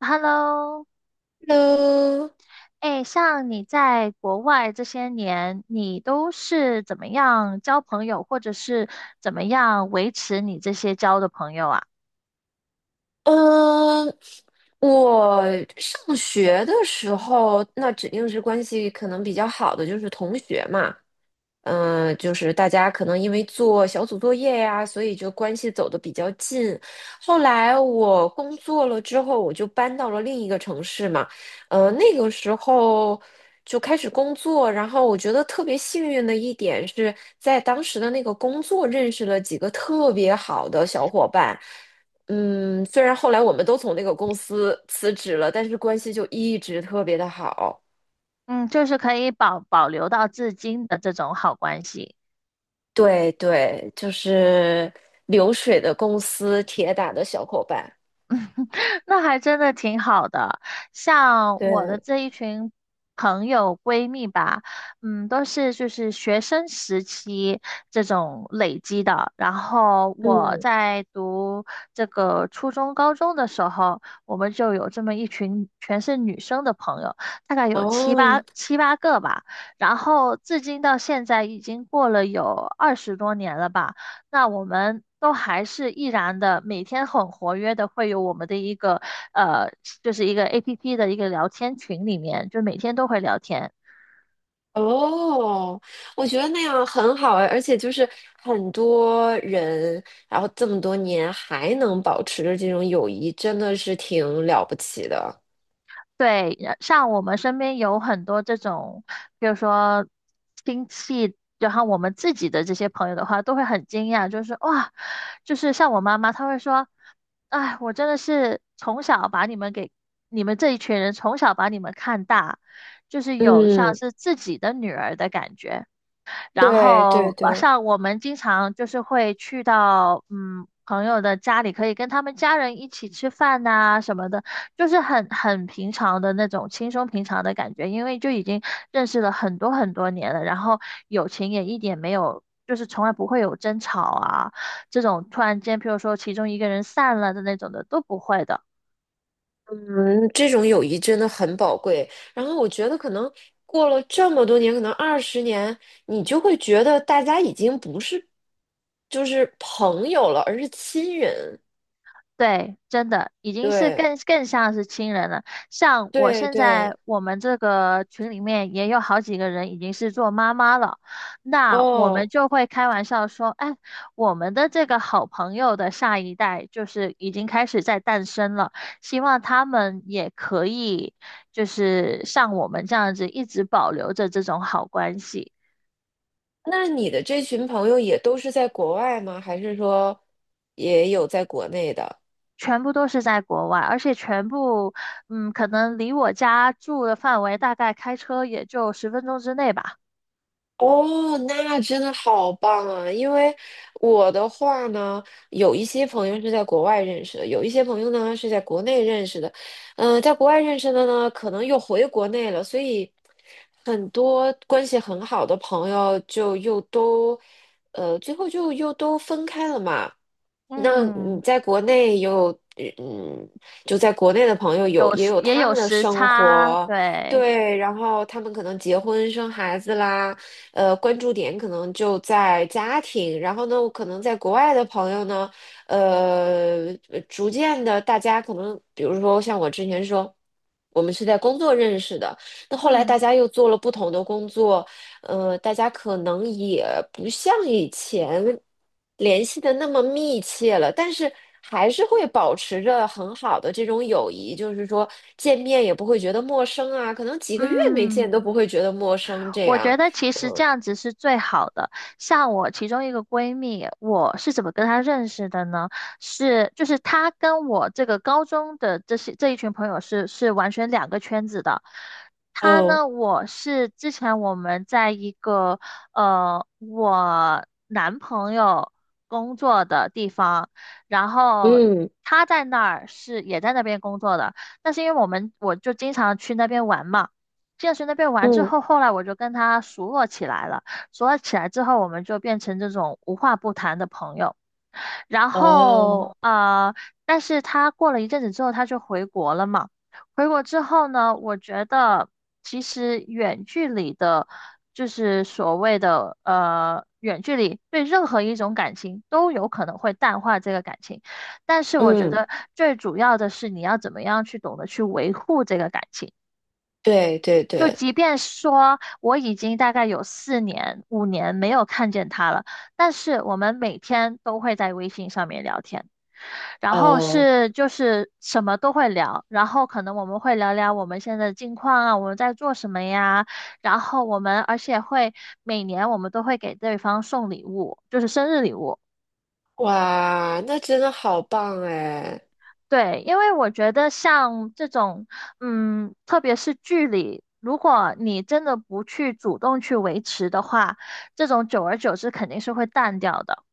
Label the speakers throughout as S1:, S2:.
S1: Hello，
S2: h e l
S1: 哎，像你在国外这些年，你都是怎么样交朋友，或者是怎么样维持你这些交的朋友啊？
S2: 嗯，呃我上学的时候，那指定是关系可能比较好的，就是同学嘛。就是大家可能因为做小组作业呀，所以就关系走得比较近。后来我工作了之后，我就搬到了另一个城市嘛，那个时候就开始工作，然后我觉得特别幸运的一点是在当时的那个工作认识了几个特别好的小伙伴。虽然后来我们都从那个公司辞职了，但是关系就一直特别的好。
S1: 嗯，就是可以保留到至今的这种好关系。
S2: 对对，就是流水的公司，铁打的小伙伴。
S1: 那还真的挺好的。像我的
S2: 对，
S1: 这一群朋友闺蜜吧，嗯，都是就是学生时期这种累积的。然后我
S2: 嗯，
S1: 在读这个初中、高中的时候，我们就有这么一群全是女生的朋友，大概有七
S2: 哦
S1: 八七八个吧。然后至今到现在已经过了有二十多年了吧。那我们都还是依然的每天很活跃的，会有我们的一个呃，就是一个 APP 的一个聊天群里面，就每天都会聊天。
S2: 哦，我觉得那样很好哎，而且就是很多人，然后这么多年还能保持着这种友谊，真的是挺了不起的。
S1: 对，像我们身边有很多这种，比如说亲戚，然后我们自己的这些朋友的话，都会很惊讶，就是哇，就是像我妈妈，她会说，哎，我真的是从小把你们给你们这一群人从小把你们看大，就是有像
S2: 嗯，
S1: 是自己的女儿的感觉。然
S2: 对对
S1: 后晚
S2: 对。
S1: 上我们经常就是会去到嗯朋友的家里，可以跟他们家人一起吃饭呐、什么的，就是很平常的那种轻松平常的感觉，因为就已经认识了很多很多年了，然后友情也一点没有。就是从来不会有争吵啊，这种突然间，譬如说其中一个人散了的那种的都不会的。
S2: 嗯，这种友谊真的很宝贵。然后我觉得，可能过了这么多年，可能20年，你就会觉得大家已经不是就是朋友了，而是亲人。
S1: 对，真的已经是
S2: 对，
S1: 更像是亲人了。像我
S2: 对，
S1: 现在
S2: 对。
S1: 我们这个群里面也有好几个人已经是做妈妈了，那我们
S2: 哦，
S1: 就会开玩笑说，哎，我们的这个好朋友的下一代就是已经开始在诞生了，希望他们也可以就是像我们这样子一直保留着这种好关系。
S2: 那你的这群朋友也都是在国外吗？还是说也有在国内的？
S1: 全部都是在国外，而且全部，嗯，可能离我家住的范围大概开车也就十分钟之内吧，
S2: 哦，那真的好棒啊！因为我的话呢，有一些朋友是在国外认识的，有一些朋友呢是在国内认识的。在国外认识的呢，可能又回国内了，所以很多关系很好的朋友就又都，最后就又都分开了嘛。那你
S1: 嗯。
S2: 在国内有，嗯，就在国内的朋友有
S1: 有
S2: 也
S1: 时
S2: 有
S1: 也
S2: 他
S1: 有
S2: 们的
S1: 时
S2: 生
S1: 差，
S2: 活，
S1: 对，
S2: 对，然后他们可能结婚生孩子啦，关注点可能就在家庭。然后呢，我可能在国外的朋友呢，逐渐的，大家可能，比如说像我之前说，我们是在工作认识的，那后来
S1: 嗯
S2: 大家又做了不同的工作，大家可能也不像以前联系的那么密切了，但是还是会保持着很好的这种友谊，就是说见面也不会觉得陌生啊，可能几个月没
S1: 嗯。
S2: 见都不会觉得陌生这
S1: 我觉
S2: 样。
S1: 得其实这样子是最好的。像我其中一个闺蜜，我是怎么跟她认识的呢？是就是她跟我这个高中的这些这一群朋友是完全两个圈子的。她
S2: 哦，
S1: 呢，我是之前我们在一个我男朋友工作的地方，然后
S2: 嗯
S1: 她在那儿是也在那边工作的，但是因为我就经常去那边玩嘛。健身那边玩之
S2: 嗯
S1: 后，后来我就跟他熟络起来了。熟络起来之后，我们就变成这种无话不谈的朋友。然
S2: 哦，
S1: 后但是他过了一阵子之后，他就回国了嘛。回国之后呢，我觉得其实远距离的，就是所谓的远距离，对任何一种感情都有可能会淡化这个感情。但是我觉
S2: 嗯，
S1: 得最主要的是你要怎么样去懂得去维护这个感情。
S2: 对对
S1: 就
S2: 对，
S1: 即便说我已经大概有四年、五年没有看见他了，但是我们每天都会在微信上面聊天，然后
S2: 哦，
S1: 就是什么都会聊，然后可能我们会聊聊我们现在的近况啊，我们在做什么呀，然后我们而且会每年我们都会给对方送礼物，就是生日礼物。
S2: 哇，那真的好棒哎。
S1: 对，因为我觉得像这种，嗯，特别是距离，如果你真的不去主动去维持的话，这种久而久之肯定是会淡掉的。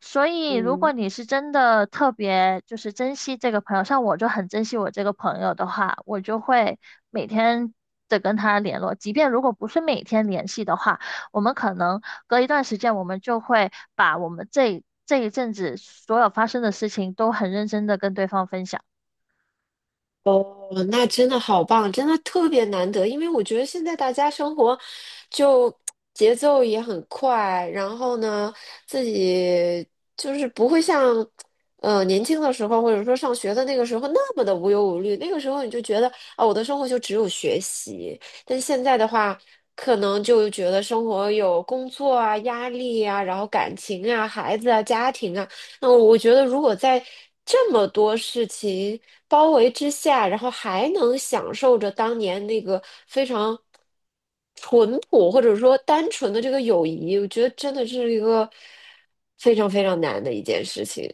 S1: 所以，如
S2: 嗯。
S1: 果你是真的特别就是珍惜这个朋友，像我就很珍惜我这个朋友的话，我就会每天的跟他联络，即便如果不是每天联系的话，我们可能隔一段时间，我们就会把我们这一阵子所有发生的事情都很认真的跟对方分享。
S2: 哦，那真的好棒，真的特别难得，因为我觉得现在大家生活就节奏也很快，然后呢，自己就是不会像年轻的时候，或者说上学的那个时候那么的无忧无虑。那个时候你就觉得啊，我的生活就只有学习，但现在的话，可能就觉得生活有工作啊、压力啊，然后感情啊、孩子啊、家庭啊。那我觉得，如果在这么多事情包围之下，然后还能享受着当年那个非常淳朴或者说单纯的这个友谊，我觉得真的是一个非常非常难的一件事情，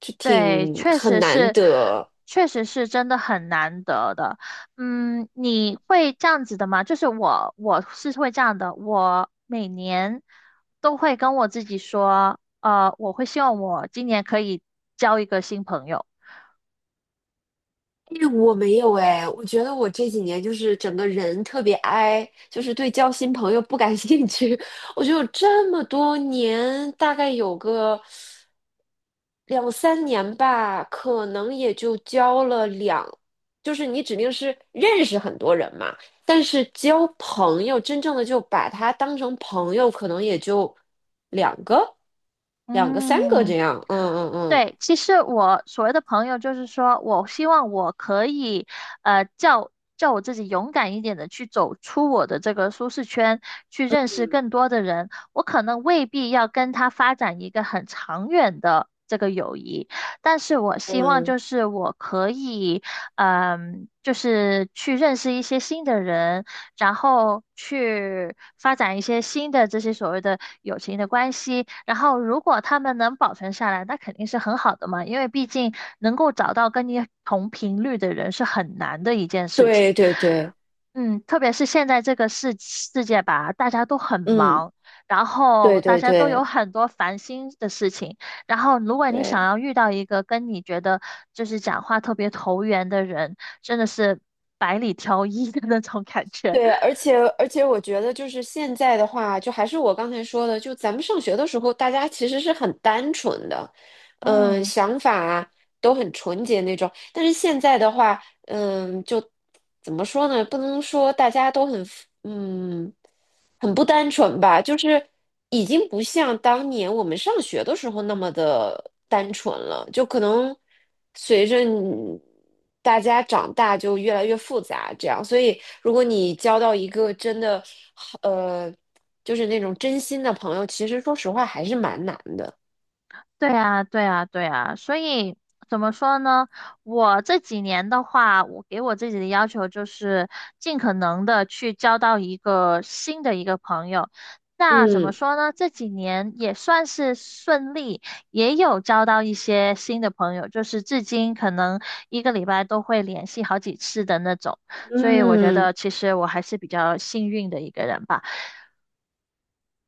S2: 就
S1: 对，
S2: 挺
S1: 确
S2: 很
S1: 实
S2: 难
S1: 是，
S2: 得。
S1: 确实是真的很难得的。嗯，你会这样子的吗？我是会这样的。我每年都会跟我自己说，我会希望我今年可以交一个新朋友。
S2: 因为我没有哎，我觉得我这几年就是整个人特别 i,就是对交新朋友不感兴趣。我觉得我这么多年，大概有个两三年吧，可能也就交了两，就是你指定是认识很多人嘛，但是交朋友，真正的就把他当成朋友，可能也就两个、两个、三个
S1: 嗯。
S2: 这样。嗯嗯
S1: 对，其实我所谓的朋友，就是说我希望我可以，呃，叫叫我自己勇敢一点的去走出我的这个舒适圈，去认识更多的人。我可能未必要跟他发展一个很长远的这个友谊，但是我
S2: 嗯，
S1: 希望
S2: 嗯，
S1: 就是我可以，嗯，就是去认识一些新的人，然后去发展一些新的这些所谓的友情的关系。然后，如果他们能保存下来，那肯定是很好的嘛，因为毕竟能够找到跟你同频率的人是很难的一件事情。
S2: 对对对，
S1: 嗯，特别是现在这个世界吧，大家都很
S2: 嗯，
S1: 忙，然
S2: 对
S1: 后大
S2: 对
S1: 家都有
S2: 对
S1: 很多烦心的事情，然后，如果你想
S2: 对。
S1: 要遇到一个跟你觉得就是讲话特别投缘的人，真的是百里挑一的那种感觉。
S2: 对，而 且而且，我觉得就是现在的话，就还是我刚才说的，就咱们上学的时候，大家其实是很单纯的，
S1: 嗯。
S2: 想法啊都很纯洁那种。但是现在的话，就怎么说呢？不能说大家都嗯很不单纯吧，就是已经不像当年我们上学的时候那么的单纯了，就可能随着你大家长大就越来越复杂，这样。所以，如果你交到一个真的好，就是那种真心的朋友，其实说实话还是蛮难的。
S1: 对啊，对啊，对啊，所以怎么说呢？我这几年的话，我给我自己的要求就是尽可能的去交到一个新的一个朋友。那怎么
S2: 嗯
S1: 说呢？这几年也算是顺利，也有交到一些新的朋友，就是至今可能一个礼拜都会联系好几次的那种。所以我觉
S2: 嗯。
S1: 得其实我还是比较幸运的一个人吧。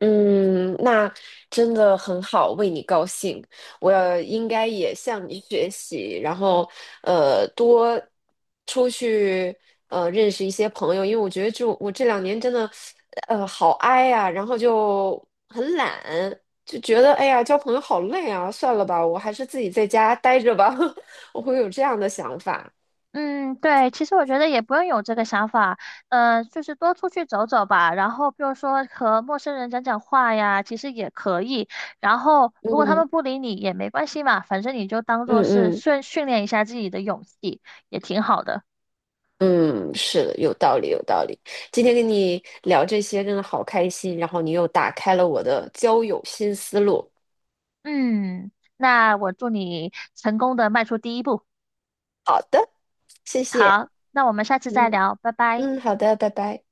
S2: 嗯，那真的很好，为你高兴。我应该也向你学习，然后多出去认识一些朋友，因为我觉得就我这2年真的好 i 呀、然后就很懒，就觉得哎呀交朋友好累啊，算了吧，我还是自己在家待着吧，我会有这样的想法。
S1: 嗯，对，其实我觉得也不用有这个想法，就是多出去走走吧，然后比如说和陌生人讲讲话呀，其实也可以。然后如果他
S2: 嗯
S1: 们不理你也没关系嘛，反正你就当做是
S2: 嗯嗯。
S1: 训练一下自己的勇气，也挺好的。
S2: 嗯，是的，有道理，有道理。今天跟你聊这些真的好开心，然后你又打开了我的交友新思路，
S1: 嗯，那我祝你成功的迈出第一步。
S2: 谢谢。
S1: 好，那我们下次再
S2: 嗯
S1: 聊，拜拜。
S2: 嗯，好的，拜拜。